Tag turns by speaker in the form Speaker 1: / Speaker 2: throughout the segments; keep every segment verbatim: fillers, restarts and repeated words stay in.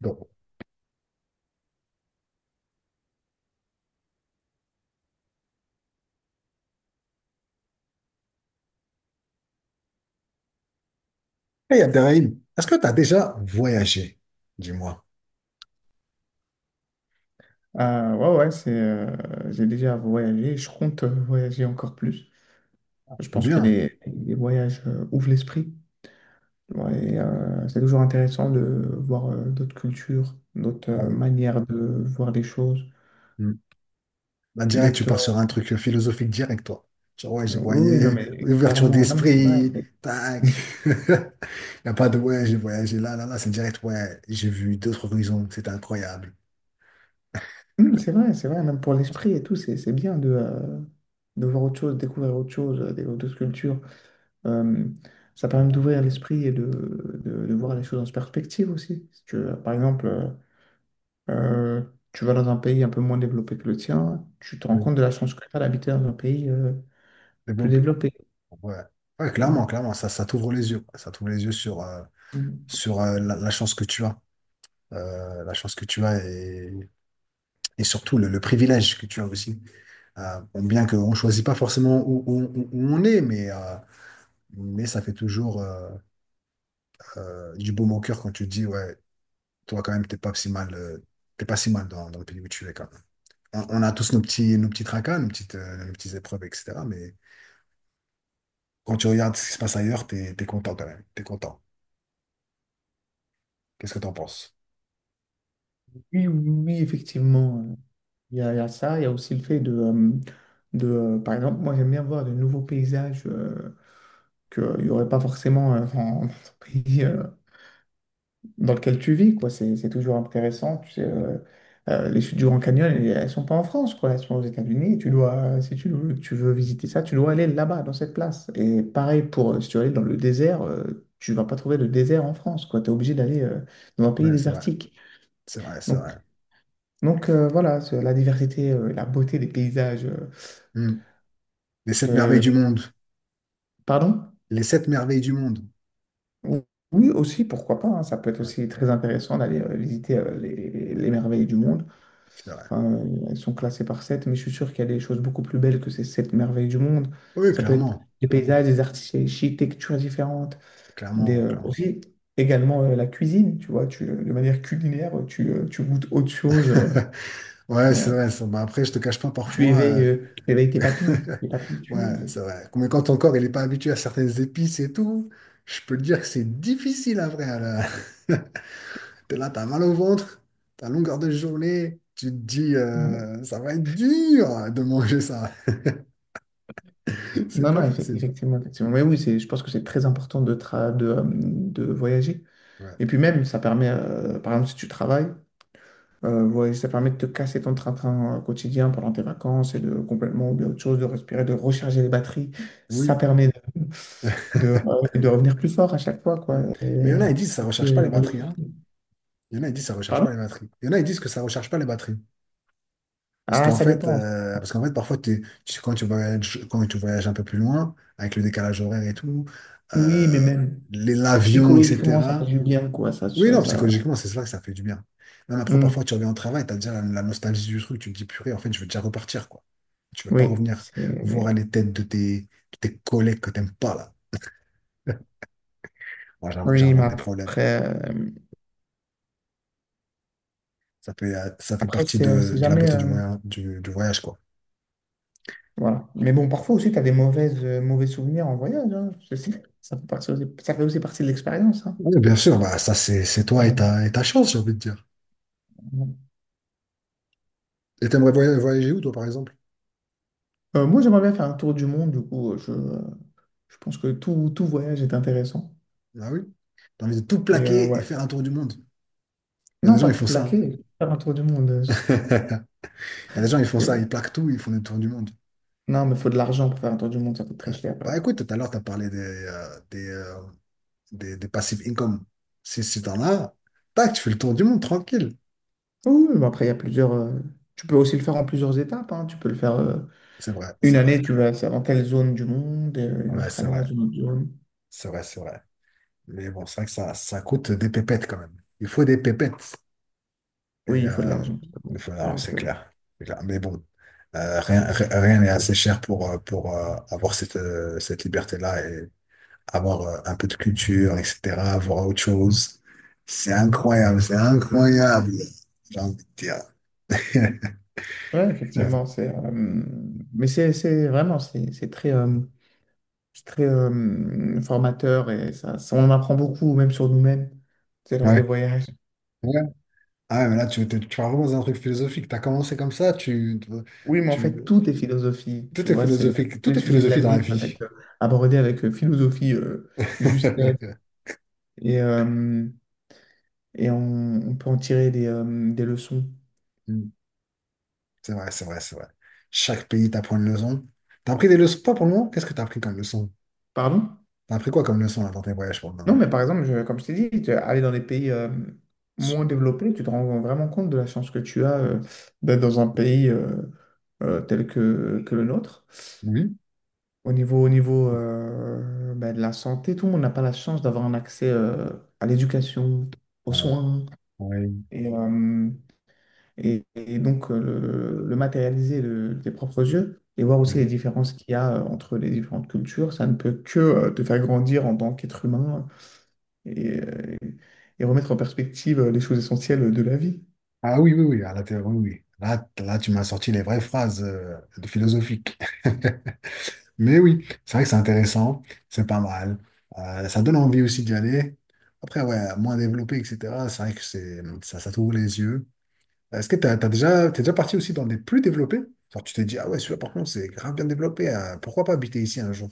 Speaker 1: Donc, hey Abderrahim, est-ce que tu as déjà voyagé, dis-moi?
Speaker 2: Ah, ouais, ouais, c'est, euh, j'ai déjà voyagé, je compte euh, voyager encore plus. Je
Speaker 1: Ou
Speaker 2: pense que
Speaker 1: bien?
Speaker 2: les, les voyages euh, ouvrent l'esprit. Ouais, et, euh, c'est toujours intéressant de voir euh, d'autres cultures, d'autres
Speaker 1: Ah
Speaker 2: euh,
Speaker 1: oui.
Speaker 2: manières de voir les choses,
Speaker 1: Hmm. Là, direct, tu pars
Speaker 2: d'autres...
Speaker 1: sur un truc philosophique direct, toi. Genre, ouais, j'ai
Speaker 2: euh, oui, oui, non,
Speaker 1: voyagé,
Speaker 2: mais
Speaker 1: ouverture
Speaker 2: clairement, non, mais c'est vrai,
Speaker 1: d'esprit,
Speaker 2: c'est
Speaker 1: tac. Il n'y a pas de ouais, j'ai voyagé là, là, là, c'est direct, ouais, j'ai vu d'autres horizons, c'était incroyable.
Speaker 2: Hum, c'est vrai, c'est vrai, même pour l'esprit et tout, c'est c'est bien de, euh, de voir autre chose, découvrir autre chose, euh, découvrir d'autres cultures. Euh, Ça
Speaker 1: C'est
Speaker 2: permet
Speaker 1: vrai.
Speaker 2: d'ouvrir l'esprit et de, de, de voir les choses en perspective aussi. Si tu veux, par exemple... euh, Euh, tu vas dans un pays un peu moins développé que le tien, tu te rends
Speaker 1: Ouais.
Speaker 2: compte de la chance que tu as d'habiter dans un pays euh, plus
Speaker 1: Développé.
Speaker 2: développé.
Speaker 1: Ouais. Ouais,
Speaker 2: Tu
Speaker 1: clairement,
Speaker 2: vois.
Speaker 1: clairement, ça, ça t'ouvre les yeux, quoi. Ça t'ouvre les yeux sur, euh, sur euh, la, la chance que tu as. Euh, la chance que tu as et, et surtout le, le privilège que tu as aussi. Euh, bon, bien qu'on ne choisit pas forcément où, où- où- où on est, mais, euh, mais ça fait toujours euh, euh, du baume au cœur quand tu te dis, ouais, toi quand même, t'es pas si mal, euh, t'es pas si mal dans, dans le pays où tu es quand même. On, on a tous nos petits, nos petits tracas, nos petites, euh, nos petites épreuves, et cetera. Mais quand tu regardes ce qui se passe ailleurs, t'es, t'es content quand même. T'es content. Qu'est-ce que t'en penses?
Speaker 2: Oui, oui, effectivement. euh, Il y a, il y a ça, il y a aussi le fait de, euh, de euh, par exemple, moi j'aime bien voir de nouveaux paysages euh, qu'il n'y aurait pas forcément euh, dans dans ton pays, euh, dans lequel tu vis, quoi. C'est c'est toujours intéressant. Tu sais, euh, euh, les chutes du Grand Canyon, elles elles sont pas en France, quoi. Elles sont aux États-Unis. Et tu dois, euh, si tu, tu veux visiter ça, tu dois aller là-bas, dans cette place. Et pareil pour, euh, si tu veux aller dans le désert, euh, tu vas pas trouver de désert en France, quoi. Tu es obligé d'aller euh, dans un pays
Speaker 1: Ouais, c'est vrai.
Speaker 2: désertique.
Speaker 1: C'est vrai, c'est
Speaker 2: Donc,
Speaker 1: vrai.
Speaker 2: donc euh, voilà, c'est la diversité, euh, la beauté des paysages. euh,
Speaker 1: Hmm. Les sept merveilles du
Speaker 2: te-
Speaker 1: monde.
Speaker 2: Pardon?
Speaker 1: Les sept merveilles du monde.
Speaker 2: Ou- Oui, aussi, pourquoi pas, hein. Ça peut être
Speaker 1: Ouais,
Speaker 2: aussi très intéressant d'aller euh, visiter euh, les les merveilles du monde.
Speaker 1: c'est vrai.
Speaker 2: Enfin, euh, elles sont classées par sept, mais je suis sûr qu'il y a des choses beaucoup plus belles que ces sept merveilles du monde.
Speaker 1: Oui,
Speaker 2: Ça peut être
Speaker 1: clairement.
Speaker 2: des
Speaker 1: Clairement.
Speaker 2: paysages, des architectures différentes, des,
Speaker 1: Clairement,
Speaker 2: euh,
Speaker 1: clairement.
Speaker 2: aussi également euh, la cuisine, tu vois, tu, euh, de manière culinaire, tu, euh, tu goûtes autre chose, euh,
Speaker 1: Ouais, c'est
Speaker 2: euh,
Speaker 1: vrai, ça. Bah, après, je te cache pas
Speaker 2: tu
Speaker 1: parfois. euh,
Speaker 2: éveilles, euh, tu éveilles tes papilles, tes papilles,
Speaker 1: Ouais,
Speaker 2: tu...
Speaker 1: c'est vrai. Mais quand ton corps il n'est pas habitué à certaines épices et tout, je peux te dire que c'est difficile après. Là. T'es là, t'as mal au ventre, t'as longueur de journée. Tu te dis,
Speaker 2: euh,
Speaker 1: euh, ça va être dur de manger ça. C'est
Speaker 2: Non, non,
Speaker 1: pas
Speaker 2: effe-
Speaker 1: facile.
Speaker 2: effectivement, effectivement. Mais oui, c'est, je pense que c'est très important de, tra- de, euh, de voyager.
Speaker 1: Ouais.
Speaker 2: Et puis même, ça permet, euh, par exemple, si tu travailles, Euh, ouais, ça permet de te casser ton train-train euh, quotidien pendant tes vacances et de complètement oublier autre chose, de respirer, de recharger les batteries. Ça
Speaker 1: Oui.
Speaker 2: permet de, de, euh, de revenir plus fort à chaque fois, quoi.
Speaker 1: Mm.
Speaker 2: Et,
Speaker 1: Mais il y en
Speaker 2: euh,
Speaker 1: a, ils disent que ça ne
Speaker 2: et
Speaker 1: recharge pas
Speaker 2: plus,
Speaker 1: les batteries, hein. Il y en a, ils disent que ça ne recharge
Speaker 2: Pardon?
Speaker 1: pas les batteries. Il y en a, ils disent que ça ne recharge pas les batteries. Parce
Speaker 2: Ah,
Speaker 1: qu'en
Speaker 2: ça
Speaker 1: fait,
Speaker 2: dépend.
Speaker 1: euh, parce qu'en fait parfois, t'es- tu- quand tu voyages, quand tu voyages un peu plus loin, avec le décalage horaire et tout,
Speaker 2: Oui, mais
Speaker 1: euh,
Speaker 2: même
Speaker 1: les- l'avion,
Speaker 2: psychologiquement, ça fait
Speaker 1: et cetera,
Speaker 2: du bien, quoi. Ça,
Speaker 1: Oui,
Speaker 2: ça,
Speaker 1: non,
Speaker 2: ça-
Speaker 1: psychologiquement, c'est ça que ça fait du bien. Même après, parfois,
Speaker 2: Hmm.
Speaker 1: tu reviens au travail, tu as déjà la, la nostalgie du truc, tu te dis, purée, en fait, je veux déjà repartir, quoi. Tu veux pas
Speaker 2: Oui,
Speaker 1: revenir voir
Speaker 2: c'est...
Speaker 1: les têtes de tes, de tes, collègues que t'aimes pas, là. Moi, j'in-
Speaker 2: Oui, mais
Speaker 1: j'invente des problèmes.
Speaker 2: après, euh,
Speaker 1: Ça fait, euh, ça fait
Speaker 2: après
Speaker 1: partie
Speaker 2: c'est euh,
Speaker 1: de,
Speaker 2: c'est
Speaker 1: de la
Speaker 2: jamais...
Speaker 1: beauté du,
Speaker 2: euh,
Speaker 1: moyen- du, du voyage, quoi.
Speaker 2: Voilà. Mais bon, parfois aussi, tu as des mauvaises, euh, mauvais souvenirs en voyage, hein. C'est- c'est- Ça fait partie aussi, ça fait aussi partie de l'expérience, hein.
Speaker 1: Oui, bien sûr, bah, ça, c'est, c'est toi et
Speaker 2: Mhm.
Speaker 1: ta, et ta chance, j'ai envie de dire. Et t'aimerais voya- voyager où, toi, par exemple?
Speaker 2: Euh, moi, j'aimerais bien faire un tour du monde, du coup, euh, je, euh, je pense que tout, tout voyage est intéressant.
Speaker 1: Ah oui? T'as envie de tout
Speaker 2: Et euh,
Speaker 1: plaquer et
Speaker 2: ouais.
Speaker 1: faire un tour du monde. Il y a des
Speaker 2: Non,
Speaker 1: gens,
Speaker 2: pas
Speaker 1: ils
Speaker 2: tout
Speaker 1: font ça, hein.
Speaker 2: plaquer, faire un tour du monde. euh,
Speaker 1: Il
Speaker 2: c'est-
Speaker 1: y a des gens, ils font ça, ils
Speaker 2: c'est-
Speaker 1: plaquent tout, ils font des tours du monde.
Speaker 2: Non, mais il faut de l'argent pour faire un tour du monde, ça coûte
Speaker 1: Ouais.
Speaker 2: très cher. euh.
Speaker 1: Bah écoute, tout à l'heure, tu as parlé des, euh, des, euh, des, des passive income. Si, si t'en as, tac, tu fais le tour du monde tranquille.
Speaker 2: Oui, oui, mais après, il y a plusieurs. euh, Tu peux aussi le faire en plusieurs étapes, hein. Tu peux le faire euh,
Speaker 1: C'est vrai,
Speaker 2: une
Speaker 1: c'est vrai.
Speaker 2: année, tu vas faire dans telle zone du monde, et, euh, une
Speaker 1: Ouais,
Speaker 2: autre
Speaker 1: c'est
Speaker 2: année dans
Speaker 1: vrai.
Speaker 2: une autre zone.
Speaker 1: C'est vrai, c'est vrai. Mais bon, c'est vrai que ça, ça coûte des pépettes quand même. Il faut des pépettes. Et
Speaker 2: Oui, il faut de
Speaker 1: euh,
Speaker 2: l'argent, c'est
Speaker 1: il
Speaker 2: bon.
Speaker 1: faut-
Speaker 2: C'est
Speaker 1: non,
Speaker 2: vrai
Speaker 1: c'est
Speaker 2: que.
Speaker 1: clair. C'est clair. Mais bon, euh, rien, ri- rien n'est assez cher pour, euh, pour euh, avoir cette, euh, cette liberté-là et avoir euh, un peu de culture, et cetera, voir autre chose. C'est incroyable, c'est incroyable. J'ai envie de dire.
Speaker 2: Ouais,
Speaker 1: Ouais,
Speaker 2: effectivement, c'est. euh, Mais c'est c'est vraiment, c'est c'est très. euh, C'est très euh, formateur et ça, ça- on en apprend beaucoup, même sur nous-mêmes, c'est lors des
Speaker 1: ouais.
Speaker 2: voyages.
Speaker 1: Ouais. Ah, mais là, tu, tu, tu vas vraiment dans un truc philosophique. Tu as commencé comme ça, tu,
Speaker 2: Oui, mais en
Speaker 1: tu,
Speaker 2: fait, tout est philosophie, tu
Speaker 1: tout est
Speaker 2: vois, c'est tous
Speaker 1: philosophique. Tout
Speaker 2: les
Speaker 1: est
Speaker 2: sujets de la
Speaker 1: philosophie dans la
Speaker 2: vie peuvent
Speaker 1: vie.
Speaker 2: être euh, abordés avec euh, philosophie, euh, justesse, et, euh, et on, on peut en tirer des, euh, des leçons.
Speaker 1: Mm. C'est vrai, c'est vrai, c'est vrai. Chaque pays t'apprend une leçon. T'as appris des leçons, pas pour le moment? Qu'est-ce que t'as appris comme leçon?
Speaker 2: Pardon?
Speaker 1: T'as appris quoi comme leçon là, dans tes voyages pour le
Speaker 2: Non,
Speaker 1: moment?
Speaker 2: mais par exemple, je- comme je t'ai dit, tu- aller dans des pays euh, moins développés, tu te rends vraiment compte de la chance que tu as euh, d'être dans un pays euh, euh, tel que, que le nôtre.
Speaker 1: Oui.
Speaker 2: Au niveau, au niveau euh, ben, de la santé, tout le monde n'a pas la chance d'avoir un accès euh, à l'éducation, aux soins.
Speaker 1: Oui.
Speaker 2: Et, euh, et, et donc, euh, le, le matérialiser de, tes propres yeux et voir aussi les différences qu'il y a euh, entre les différentes cultures, ça ne peut que euh, te faire grandir en tant qu'être humain et, euh, et remettre en perspective euh, les choses essentielles de la vie.
Speaker 1: Ah oui, oui, oui, à l'intérieur, oui, oui. Là, là, tu m'as sorti les vraies phrases euh, de philosophiques. Mais oui, c'est vrai que c'est intéressant, c'est pas mal. Euh, ça donne envie aussi d'y aller. Après, ouais, moins développé, et cetera. C'est vrai que c'est, ça, ça t'ouvre les yeux. Est-ce que t'as, t'as déjà, t'es déjà parti aussi dans des plus développés? Genre, tu t'es dit, ah ouais, celui-là, par contre, c'est grave bien développé. euh, pourquoi pas habiter ici un jour?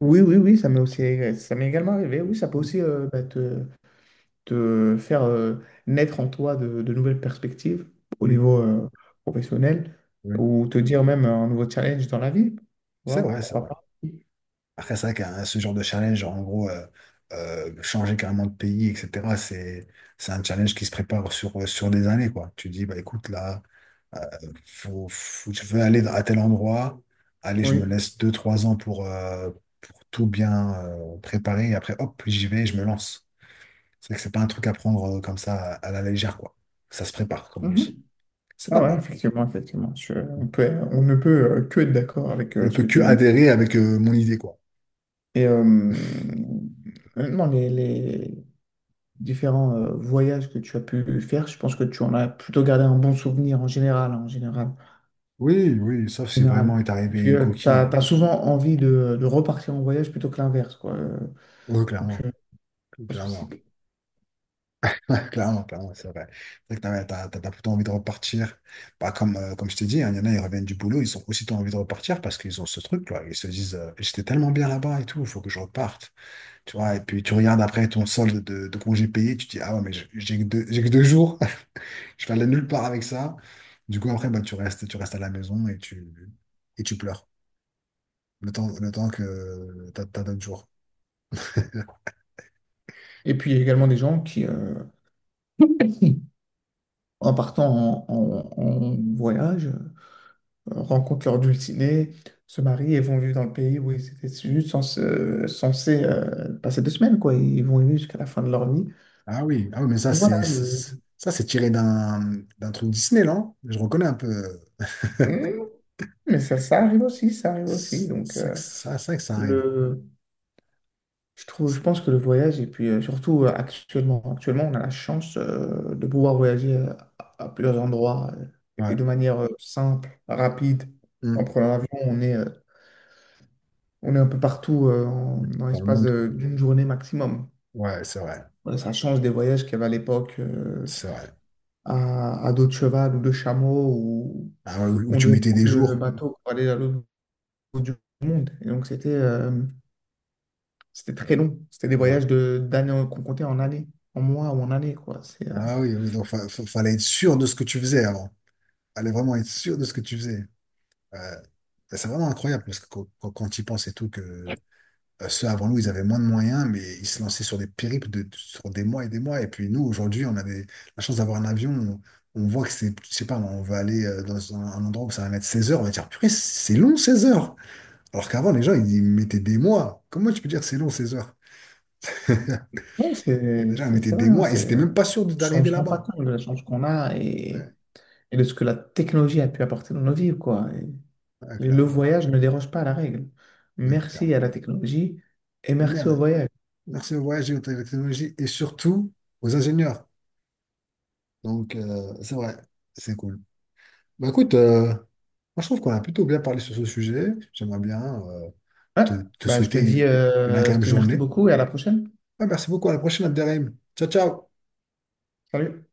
Speaker 2: Oui, oui, oui, ça m'est aussi, ça m'est également arrivé. Oui, ça peut
Speaker 1: Oui,
Speaker 2: aussi euh, bah, te, te faire euh, naître en toi de, de nouvelles perspectives au
Speaker 1: oui,
Speaker 2: niveau euh, professionnel
Speaker 1: oui.
Speaker 2: ou te dire même un nouveau challenge dans la vie.
Speaker 1: C'est
Speaker 2: Voilà,
Speaker 1: vrai, c'est
Speaker 2: pourquoi
Speaker 1: vrai.
Speaker 2: pas?
Speaker 1: Après, c'est vrai qu'un ce genre de challenge, genre, en gros, euh, euh, changer carrément de pays, et cetera, c'est, c'est, un challenge qui se prépare sur, euh, sur des années, quoi. Tu dis, bah écoute, là, euh, faut, faut- je veux aller à tel endroit, allez, je me
Speaker 2: Oui.
Speaker 1: laisse deux trois ans pour, euh, pour tout bien euh, préparer, et après, hop, j'y vais, je me lance. C'est vrai que c'est pas un truc à prendre euh, comme ça à, à la légère, quoi. Ça se prépare, comme on
Speaker 2: Mhm.
Speaker 1: dit. C'est pas
Speaker 2: Ah ouais,
Speaker 1: mal.
Speaker 2: effectivement, effectivement. Je- on peut, on ne peut euh, que être d'accord avec
Speaker 1: On
Speaker 2: euh,
Speaker 1: ne
Speaker 2: ce
Speaker 1: peut
Speaker 2: que
Speaker 1: que
Speaker 2: tu viens de dire.
Speaker 1: adhérer avec euh, mon idée, quoi.
Speaker 2: Et euh, maintenant, les, les différents euh, voyages que tu as pu faire, je pense que tu en as plutôt gardé un bon souvenir en général, hein, en général, en
Speaker 1: Oui, oui, sauf si vraiment
Speaker 2: général.
Speaker 1: est
Speaker 2: Et
Speaker 1: arrivé
Speaker 2: puis,
Speaker 1: une
Speaker 2: tu
Speaker 1: coquille.
Speaker 2: as,
Speaker 1: euh,
Speaker 2: souvent envie de, de repartir en voyage plutôt que l'inverse, quoi. Euh,
Speaker 1: Oui,
Speaker 2: Donc,
Speaker 1: clairement.
Speaker 2: euh, je pense que
Speaker 1: Clairement,
Speaker 2: c'est-
Speaker 1: clairement, clairement, c'est vrai. C'est vrai que t'as, t'as, t'as- t'as plutôt envie de repartir. Bah, comme, euh, comme je t'ai dit, hein, il y en a, ils reviennent du boulot, ils ont aussitôt envie de repartir parce qu'ils ont ce truc, là. Ils se disent, euh, j'étais tellement bien là-bas et tout, il faut que je reparte. Tu vois, et puis tu regardes après ton solde de, de congé payé, tu te dis, ah ouais, mais j'ai j'ai que deux, j'ai que deux jours, je vais aller nulle part avec ça. Du coup, après, bah, tu restes, tu restes à la maison et tu, et tu pleures. Le temps, le temps que t'as, t'as d'autres jours.
Speaker 2: Et puis, il y a également des gens qui, euh, en partant en, en- en voyage, euh, rencontrent leur dulcinée, se marient et vont vivre dans le pays où ils étaient juste cens- euh, censés, euh, passer deux semaines, quoi. Ils vont y vivre jusqu'à la fin de leur vie.
Speaker 1: Ah oui, ah oui, mais ça,
Speaker 2: Donc voilà,
Speaker 1: c'est
Speaker 2: le...
Speaker 1: c'est- ça, c'est tiré d'un d'un truc Disney, non? Je reconnais un peu.
Speaker 2: Mmh, mais ça, ça arrive aussi, ça arrive aussi.
Speaker 1: C'est
Speaker 2: Donc,
Speaker 1: ça,
Speaker 2: euh,
Speaker 1: que- ça, ça que ça arrive.
Speaker 2: le... Je trouve, je pense que le voyage, et puis euh, surtout euh, actuellement, actuellement, on a la chance euh, de pouvoir voyager euh, à, à plusieurs endroits euh, et
Speaker 1: Ouais.
Speaker 2: de manière euh, simple, rapide. En
Speaker 1: Mm.
Speaker 2: prenant l'avion, on est, euh, on est un peu partout euh, en- dans
Speaker 1: Dans le
Speaker 2: l'espace
Speaker 1: monde, quoi.
Speaker 2: de- d'une journée maximum.
Speaker 1: Ouais, c'est vrai.
Speaker 2: Ouais, ça change des voyages qu'il y avait à l'époque euh,
Speaker 1: C'est vrai.
Speaker 2: à, à dos de cheval ou de chameau où
Speaker 1: Ah ouais, où, où
Speaker 2: on
Speaker 1: tu
Speaker 2: devait
Speaker 1: mettais des
Speaker 2: prendre le, le
Speaker 1: jours.
Speaker 2: bateau pour aller à l'autre bout du monde. Et donc c'était euh, c'était très long. C'était des
Speaker 1: Ouais.
Speaker 2: voyages de d'années qu'on comptait en années, en mois ou en années, quoi. C'est euh,
Speaker 1: Ah oui, oui, donc fa- fa- fallait être sûr de ce que tu faisais avant. Fallait vraiment être sûr de ce que tu faisais. Ouais. C'est vraiment incroyable parce que quand, quand, quand tu y penses et tout, que Euh, Ceux avant nous, ils avaient moins de moyens, mais ils se lançaient sur des périples de, sur des mois et des mois. Et puis nous, aujourd'hui, on a des- la chance d'avoir un avion. On, on voit que c'est, je sais pas, on va aller euh, dans un, un endroit où ça va mettre seize heures. On va dire, purée, c'est long seize heures. Alors qu'avant, les gens, ils, ils mettaient des mois. Comment tu peux dire c'est long seize heures?
Speaker 2: ouais, c'est
Speaker 1: Déjà, ils
Speaker 2: c'est-
Speaker 1: mettaient
Speaker 2: c'est vrai,
Speaker 1: des
Speaker 2: hein,
Speaker 1: mois et ils
Speaker 2: c'est
Speaker 1: n'étaient
Speaker 2: euh,
Speaker 1: même pas sûrs de-
Speaker 2: on ne
Speaker 1: d'arriver
Speaker 2: se rend pas
Speaker 1: là-bas.
Speaker 2: compte de la chance qu'on a et,
Speaker 1: Ouais,
Speaker 2: et de ce que la technologie a pu apporter dans nos vies, quoi. Et,
Speaker 1: ouais,
Speaker 2: et le
Speaker 1: clairement. cl-
Speaker 2: voyage ne déroge pas à la règle.
Speaker 1: Oui,
Speaker 2: Merci à
Speaker 1: clairement.
Speaker 2: la technologie et merci au
Speaker 1: Merde.
Speaker 2: voyage.
Speaker 1: Merci aux voyageurs, aux technologies et surtout aux ingénieurs. Donc, euh, c'est vrai, c'est cool. Bah écoute, euh, Moi, je trouve qu'on a plutôt bien parlé sur ce sujet. J'aimerais bien euh,
Speaker 2: Ouais,
Speaker 1: te, te,
Speaker 2: bah, je te dis,
Speaker 1: souhaiter une
Speaker 2: euh, je
Speaker 1: agréable
Speaker 2: te dis merci
Speaker 1: journée.
Speaker 2: beaucoup et à la prochaine.
Speaker 1: Ah, merci beaucoup. À la prochaine, Abderrahim. Ciao, ciao.
Speaker 2: Salut.